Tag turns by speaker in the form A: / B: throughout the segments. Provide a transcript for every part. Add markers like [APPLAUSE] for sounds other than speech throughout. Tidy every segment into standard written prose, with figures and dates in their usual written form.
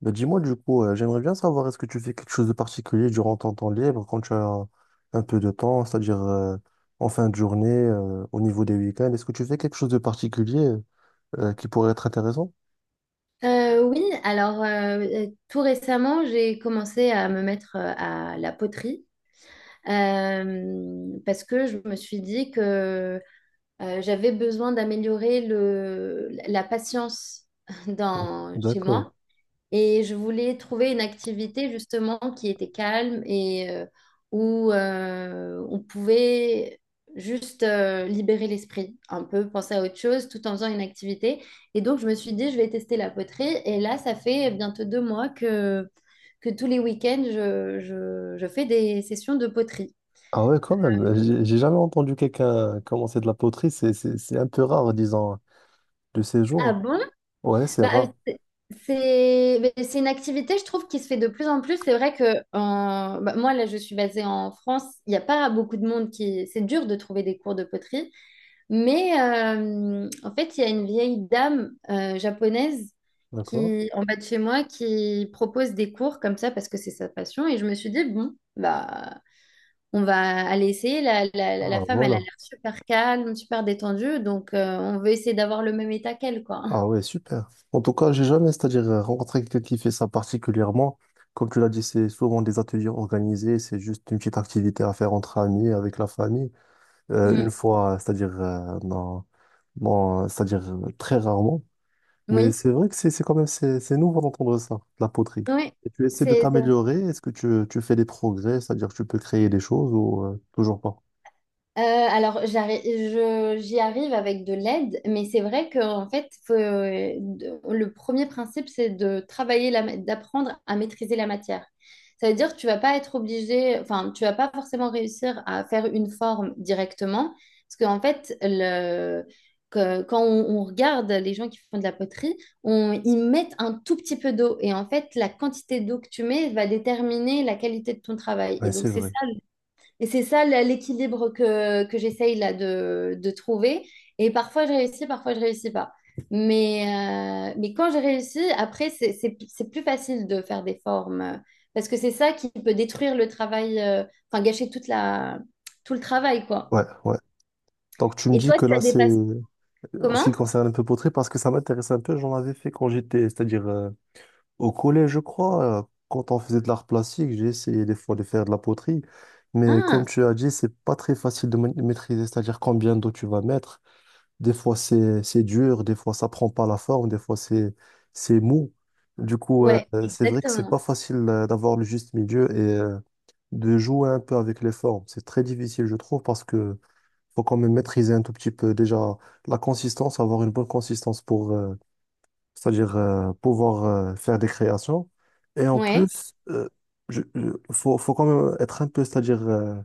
A: Bah dis-moi du coup, j'aimerais bien savoir est-ce que tu fais quelque chose de particulier durant ton temps libre quand tu as un peu de temps, c'est-à-dire en fin de journée, au niveau des week-ends, est-ce que tu fais quelque chose de particulier qui pourrait être intéressant?
B: Oui, alors tout récemment, j'ai commencé à me mettre à la poterie parce que je me suis dit que j'avais besoin d'améliorer la patience [LAUGHS] chez
A: D'accord.
B: moi. Et je voulais trouver une activité justement qui était calme et où on pouvait juste libérer l'esprit, un peu penser à autre chose tout en faisant une activité. Et donc je me suis dit, je vais tester la poterie. Et là, ça fait bientôt 2 mois que tous les week-ends, je fais des sessions de poterie.
A: Ah ouais, quand même. J'ai jamais entendu quelqu'un commencer de la poterie. C'est un peu rare, disons, de ces
B: Ah
A: jours.
B: bon?
A: Ouais, c'est
B: Bah,
A: rare.
B: mais c'est une activité, je trouve, qui se fait de plus en plus. C'est vrai que bah, moi, là, je suis basée en France. Il n'y a pas beaucoup de monde qui... C'est dur de trouver des cours de poterie. Mais en fait, il y a une vieille dame japonaise
A: D'accord.
B: qui, en bas de chez moi qui propose des cours comme ça parce que c'est sa passion. Et je me suis dit, bon, bah, on va aller essayer. La
A: Ah,
B: femme, elle a
A: voilà.
B: l'air super calme, super détendue. Donc, on veut essayer d'avoir le même état qu'elle, quoi.
A: Ah ouais, super. En tout cas, j'ai jamais, c'est-à-dire rencontré quelqu'un qui fait ça particulièrement. Comme tu l'as dit, c'est souvent des ateliers organisés, c'est juste une petite activité à faire entre amis, avec la famille. Euh,
B: Mm.
A: une fois, c'est-à-dire non, non, c'est-à-dire très rarement. Mais
B: Oui.
A: c'est vrai que c'est quand même c'est nouveau d'entendre ça, la poterie.
B: Oui,
A: Et tu essaies de
B: c'est vrai.
A: t'améliorer, est-ce que tu fais des progrès, c'est-à-dire que tu peux créer des choses ou toujours pas?
B: Euh, alors, j'y arrive avec de l'aide, mais c'est vrai que en fait, faut, le premier principe, c'est de travailler, d'apprendre à maîtriser la matière. Ça veut dire que tu vas pas être obligé, enfin, tu vas pas forcément réussir à faire une forme directement, parce qu'en fait, quand on regarde les gens qui font de la poterie, ils mettent un tout petit peu d'eau, et en fait, la quantité d'eau que tu mets va déterminer la qualité de ton travail. Et
A: Ouais,
B: donc,
A: c'est
B: c'est ça.
A: vrai.
B: Et c'est ça l'équilibre que j'essaye là de trouver. Et parfois je réussis pas. Mais quand j'ai réussi, après, c'est plus facile de faire des formes. Parce que c'est ça qui peut détruire le travail, enfin gâcher tout le travail, quoi.
A: Ouais, ouais. Donc tu me
B: Et
A: dis
B: toi,
A: que
B: tu as
A: là,
B: des
A: c'est
B: passions.
A: en ce qui
B: Comment?
A: concerne un peu poterie, parce que ça m'intéresse un peu, j'en avais fait quand j'étais, c'est-à-dire au collège, je crois, quand on faisait de l'art plastique, j'ai essayé des fois de faire de la poterie, mais comme
B: Ah,
A: tu as dit, c'est pas très facile de maîtriser, c'est-à-dire combien d'eau tu vas mettre. Des fois, c'est dur, des fois, ça prend pas la forme, des fois, c'est mou. Du coup,
B: ouais,
A: c'est vrai que c'est
B: exactement.
A: pas facile d'avoir le juste milieu et de jouer un peu avec les formes. C'est très difficile, je trouve, parce que faut quand même maîtriser un tout petit peu déjà la consistance, avoir une bonne consistance pour, c'est-à-dire pouvoir faire des créations. Et en
B: Ouais.
A: plus, faut quand même être un peu, c'est-à-dire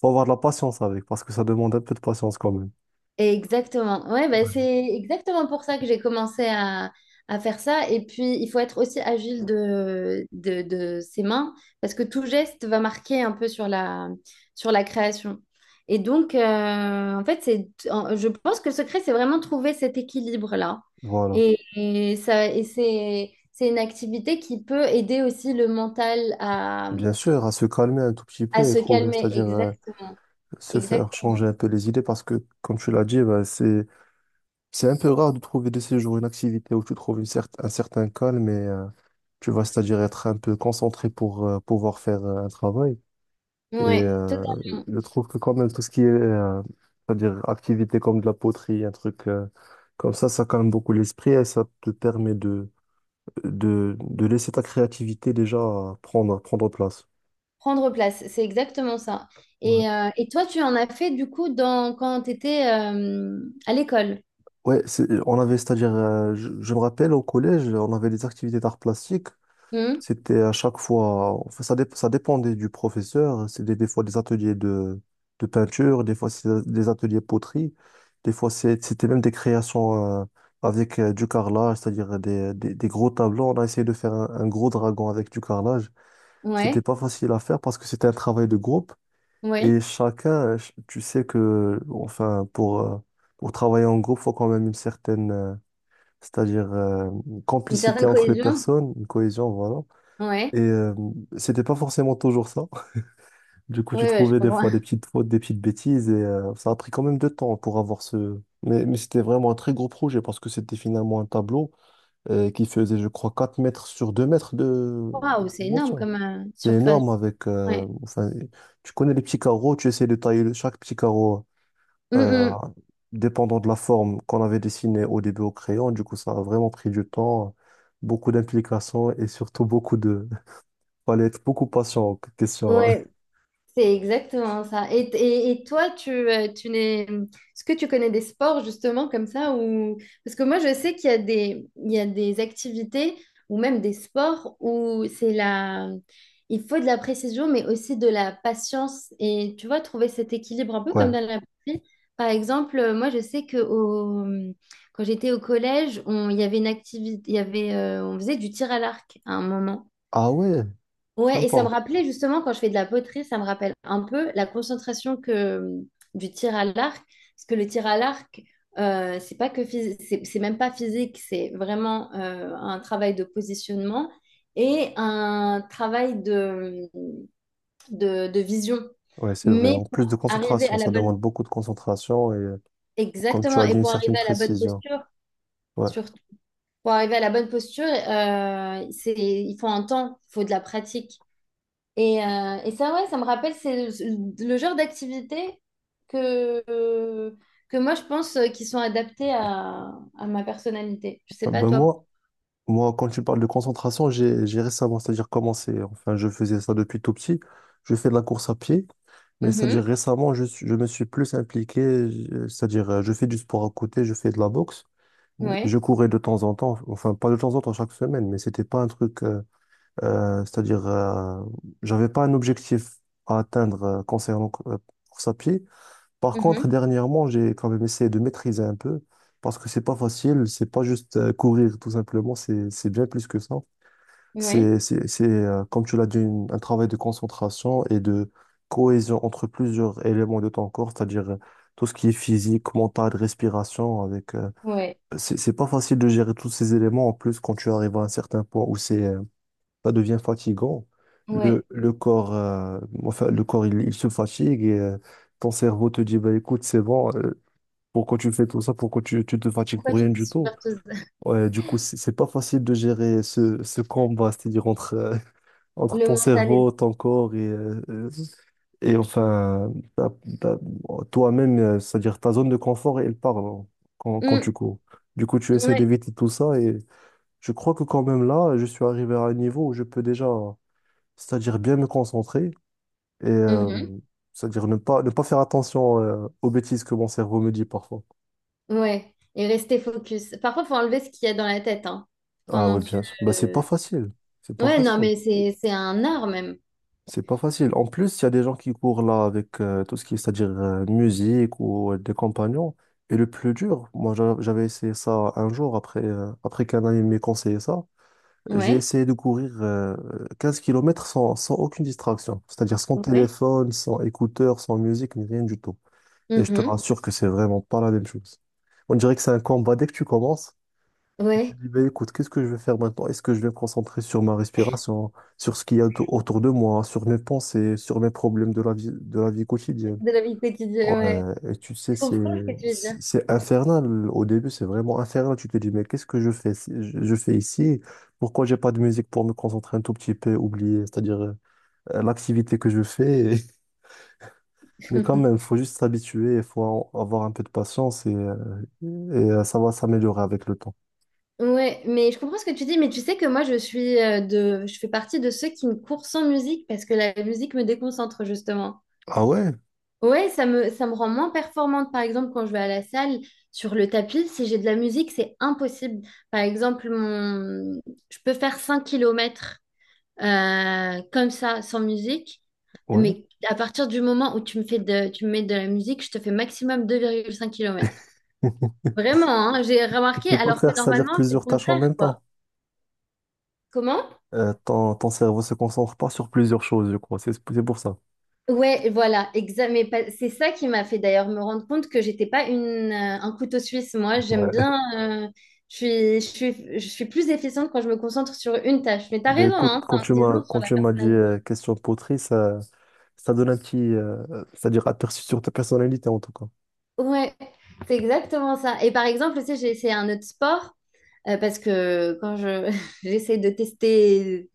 A: faut avoir de la patience avec, parce que ça demande un peu de patience quand même.
B: Exactement. Ouais, bah, c'est exactement pour ça que j'ai commencé à faire ça. Et puis, il faut être aussi agile de ses mains parce que tout geste va marquer un peu sur la création. Et donc, en fait, je pense que le secret, c'est vraiment trouver cet équilibre-là.
A: Voilà.
B: Et ça, et c'est une activité qui peut aider aussi le mental
A: Bien sûr, à se calmer un tout petit
B: à
A: peu et
B: se
A: trouver,
B: calmer.
A: c'est-à-dire
B: Exactement.
A: se faire changer
B: Exactement.
A: un peu les idées, parce que comme tu l'as dit, bah, c'est un peu rare de trouver de ces jours une activité où tu trouves une un certain calme et tu vas, c'est-à-dire être un peu concentré pour pouvoir faire un travail. Et
B: Ouais,
A: euh,
B: totalement.
A: je trouve que quand même tout ce qui est, c'est-à-dire activité comme de la poterie, un truc comme ça calme beaucoup l'esprit et ça te permet de laisser ta créativité déjà prendre place.
B: Prendre place, c'est exactement ça.
A: Ouais,
B: Et toi, tu en as fait du coup quand tu étais à l'école.
A: ouais on avait, c'est-à-dire, je me rappelle au collège, on avait des activités d'art plastique.
B: Hum,
A: C'était à chaque fois, enfin, ça dépendait du professeur. C'était des fois des ateliers de peinture, des fois c'est des ateliers poterie, des fois c'était même des créations avec du carrelage, c'est-à-dire des gros tableaux. On a essayé de faire un gros dragon avec du carrelage. C'était
B: Ouais,
A: pas facile à faire parce que c'était un travail de groupe
B: ouais.
A: et chacun, tu sais que, enfin, pour travailler en groupe, faut quand même une certaine, c'est-à-dire
B: Une certaine
A: complicité entre les
B: cohésion.
A: personnes, une cohésion, voilà.
B: Ouais,
A: Et c'était pas forcément toujours ça. [LAUGHS] Du coup, tu
B: ouais, ouais, je
A: trouvais des
B: comprends.
A: fois des petites fautes, des petites bêtises, et ça a pris quand même de temps pour avoir ce. Mais c'était vraiment un très gros projet parce que c'était finalement un tableau qui faisait, je crois, 4 mètres sur 2 mètres de
B: Waouh, c'est énorme
A: dimension.
B: comme
A: C'est énorme
B: surface.
A: avec,
B: Ouais.
A: enfin, tu connais les petits carreaux, tu essaies de tailler chaque petit carreau
B: Hum,
A: euh,
B: hum.
A: dépendant de la forme qu'on avait dessinée au début au crayon. Du coup, ça a vraiment pris du temps, beaucoup d'implications et surtout beaucoup. Fallait être beaucoup patient, en question, hein.
B: Ouais. C'est exactement ça. Et toi, tu n'es... Est-ce que tu connais des sports justement comme ça ou... Parce que moi, je sais qu'il y a des activités ou même des sports où c'est la... Il faut de la précision, mais aussi de la patience. Et tu vois, trouver cet équilibre un
A: [LAUGHS]
B: peu
A: Ouais.
B: comme dans la batterie. Par exemple, moi, je sais que au... quand j'étais au collège, il y avait une activité, on faisait du tir à l'arc à un moment.
A: Ah ouais,
B: Ouais, et
A: sympa.
B: ça me rappelait justement, quand je fais de la poterie, ça me rappelle un peu la concentration du tir à l'arc. Parce que le tir à l'arc, c'est même pas physique, c'est vraiment un travail de positionnement et un travail de vision.
A: Ouais, c'est vrai.
B: Mais
A: En plus
B: pour
A: de
B: arriver
A: concentration,
B: à la
A: ça demande
B: bonne,
A: beaucoup de concentration et, comme tu
B: exactement,
A: as dit,
B: et
A: une
B: pour
A: certaine
B: arriver à la bonne
A: précision.
B: posture,
A: Ouais.
B: surtout, pour arriver à la bonne posture, c'est, il faut un temps, il faut de la pratique. Et ça, ouais, ça me rappelle, c'est le genre d'activité que, euh, que moi, je pense qui sont adaptées à ma personnalité. Je sais
A: Ah,
B: pas,
A: ben
B: toi.
A: moi, quand tu parles de concentration, j'ai récemment, c'est-à-dire commencé, enfin, je faisais ça depuis tout petit. Je fais de la course à pied. Mais c'est-à-dire
B: Mhm,
A: récemment, je me suis plus impliqué, c'est-à-dire je fais du sport à côté, je fais de la boxe. Je
B: ouais,
A: courais de temps en temps, enfin pas de temps en temps chaque semaine, mais c'était pas un truc, c'est-à-dire j'avais pas un objectif à atteindre concernant course à pied. Par
B: mhm,
A: contre, dernièrement, j'ai quand même essayé de maîtriser un peu parce que c'est pas facile, c'est pas juste courir tout simplement, c'est bien plus que ça.
B: ouais,
A: C'est, comme tu l'as dit, un travail de concentration et de cohésion entre plusieurs éléments de ton corps, c'est-à-dire tout ce qui est physique, mental, respiration, avec,
B: ouais,
A: c'est pas facile de gérer tous ces éléments. En plus, quand tu arrives à un certain point où c'est, ça devient fatigant,
B: ouais.
A: le corps, enfin, le corps, il se fatigue et ton cerveau te dit, bah, écoute, c'est bon, pourquoi tu fais tout ça, pourquoi tu te fatigues
B: Pourquoi
A: pour
B: tu
A: rien
B: dis
A: du tout?
B: superpose [LAUGHS]
A: Ouais, du coup, c'est pas facile de gérer ce combat, c'est-à-dire entre entre
B: Le
A: ton
B: mental est...
A: cerveau, ton corps et enfin, ta- toi-même, c'est-à-dire ta zone de confort, elle part hein, quand
B: Mm,
A: tu cours. Du coup, tu essaies
B: ouais,
A: d'éviter tout ça et je crois que quand même là, je suis arrivé à un niveau où je peux déjà, c'est-à-dire bien me concentrer et
B: mhm,
A: c'est-à-dire ne pas faire attention aux bêtises que mon cerveau me dit parfois.
B: ouais. Et rester focus. Parfois, faut enlever ce qu'il y a dans la tête, hein,
A: Ah
B: pendant
A: oui,
B: que tu...
A: bien sûr. Bah, c'est
B: euh,
A: pas facile. C'est pas
B: Ouais, non,
A: facile.
B: mais c'est un art même.
A: C'est pas facile. En plus, il y a des gens qui courent là avec tout ce qui est, c'est-à-dire musique ou des compagnons. Et le plus dur, moi j'avais essayé ça un jour après, après qu'un ami m'ait conseillé ça. J'ai
B: Ouais,
A: essayé de courir 15 km sans aucune distraction. C'est-à-dire sans
B: ouais,
A: téléphone, sans écouteurs sans musique, ni rien du tout. Et je te
B: mhm,
A: rassure que c'est vraiment pas la même chose. On dirait que c'est un combat dès que tu commences. Je
B: ouais.
A: dis, ben, écoute, qu'est-ce que je vais faire maintenant? Est-ce que je vais me concentrer sur ma respiration, sur ce qu'il y a autour de moi, sur mes pensées, sur mes problèmes de la vie, quotidienne?
B: De la vie
A: Ouais,
B: quotidienne.
A: et tu sais,
B: Je
A: c'est,
B: comprends ce que tu veux
A: c'est
B: dire.
A: c'est infernal. Au début, c'est vraiment infernal. Tu te dis, mais qu'est-ce que je fais, je fais ici? Pourquoi j'ai pas de musique pour me concentrer un tout petit peu, oublier, c'est-à-dire l'activité que je fais. [LAUGHS] Mais quand même,
B: [LAUGHS]
A: faut juste s'habituer, il faut avoir un peu de patience et ça va s'améliorer avec le temps.
B: Ouais, mais je comprends ce que tu dis, mais tu sais que moi je fais partie de ceux qui me courent sans musique parce que la musique me déconcentre justement.
A: Ah ouais?
B: Ouais, ça me rend moins performante par exemple quand je vais à la salle sur le tapis, si j'ai de la musique, c'est impossible. Par exemple, mon je peux faire 5 km comme ça sans musique,
A: Ouais.
B: mais à partir du moment où tu me mets de la musique, je te fais maximum 2,5 km.
A: [LAUGHS]
B: Vraiment, hein, j'ai
A: Tu
B: remarqué,
A: peux pas
B: alors que
A: faire, c'est-à-dire
B: normalement, c'est le
A: plusieurs tâches en
B: contraire,
A: même
B: quoi.
A: temps.
B: Comment?
A: Ton cerveau se concentre pas sur plusieurs choses, je crois. C'est pour ça.
B: Ouais, voilà, exact. C'est ça qui m'a fait d'ailleurs me rendre compte que j'étais pas un couteau suisse. Moi, j'aime
A: Ouais. [LAUGHS]
B: bien. Je suis plus efficiente quand je me concentre sur une tâche. Mais t'as
A: Ben
B: raison,
A: écoute,
B: hein,
A: quand
B: ça en
A: tu
B: dit
A: m'as
B: long sur
A: quand
B: la
A: tu m'as dit
B: personne.
A: question de poterie, ça donne un petit, c'est-à-dire aperçu sur ta personnalité en tout cas.
B: Ouais, c'est exactement ça. Et par exemple, tu sais, j'ai essayé un autre sport parce que quand je [LAUGHS] j'essaie de tester,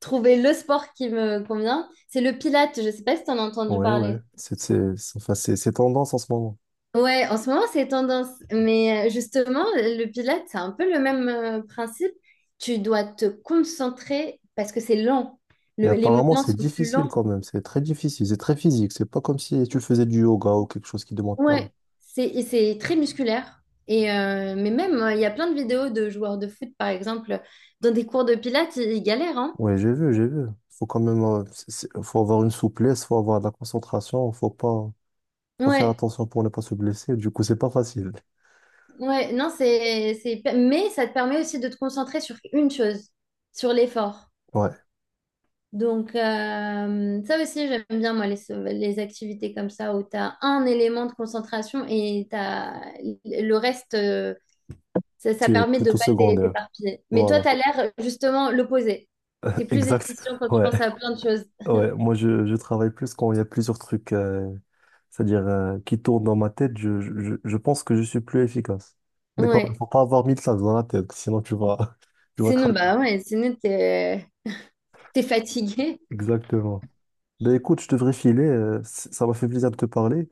B: trouver le sport qui me convient, c'est le pilate. Je sais pas si t'en as entendu
A: Ouais, ouais.
B: parler.
A: Enfin, c'est tendance en ce moment.
B: Ouais, en ce moment, c'est tendance. Mais justement, le pilates, c'est un peu le même principe. Tu dois te concentrer parce que c'est lent.
A: Et
B: Les
A: apparemment,
B: mouvements
A: c'est
B: sont plus
A: difficile
B: lents.
A: quand même. C'est très difficile. C'est très physique. C'est pas comme si tu faisais du yoga ou quelque chose qui demande pas.
B: Ouais, c'est très musculaire. Mais même, il y a plein de vidéos de joueurs de foot, par exemple, dans des cours de pilates, ils galèrent, hein.
A: Ouais, j'ai vu, j'ai vu. Faut quand même, faut avoir une souplesse, faut avoir de la concentration, faut pas. Faut faire
B: Ouais,
A: attention pour ne pas se blesser. Du coup, c'est pas facile.
B: ouais, non, mais ça te permet aussi de te concentrer sur une chose, sur l'effort.
A: Ouais.
B: Donc, ça aussi, j'aime bien, moi, les activités comme ça, où tu as un élément de concentration et t'as, le reste, ça
A: C'est
B: permet de
A: plutôt
B: pas
A: secondaire.
B: t'éparpiller. Mais toi,
A: Voilà.
B: tu as l'air justement l'opposé. Tu es
A: [LAUGHS]
B: plus
A: Exact.
B: efficient quand tu
A: Ouais.
B: penses à plein de choses.
A: Ouais. Moi, je travaille plus quand il y a plusieurs trucs, c'est-à-dire, qui tournent dans ma tête. Je pense que je suis plus efficace. Mais quand même,
B: Ouais.
A: faut pas avoir mille sacs dans la tête, sinon tu vas, [LAUGHS] tu vas
B: Sinon,
A: craquer.
B: bah ouais, sinon, tu t'es fatigué.
A: Exactement. Ben écoute, je devrais filer, ça m'a fait plaisir de te parler.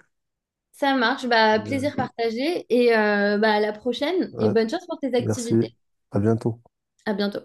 B: Ça marche. Bah,
A: Euh,
B: plaisir partagé et bah, à la prochaine et
A: ouais.
B: bonne chance pour tes
A: Merci.
B: activités.
A: À bientôt.
B: À bientôt.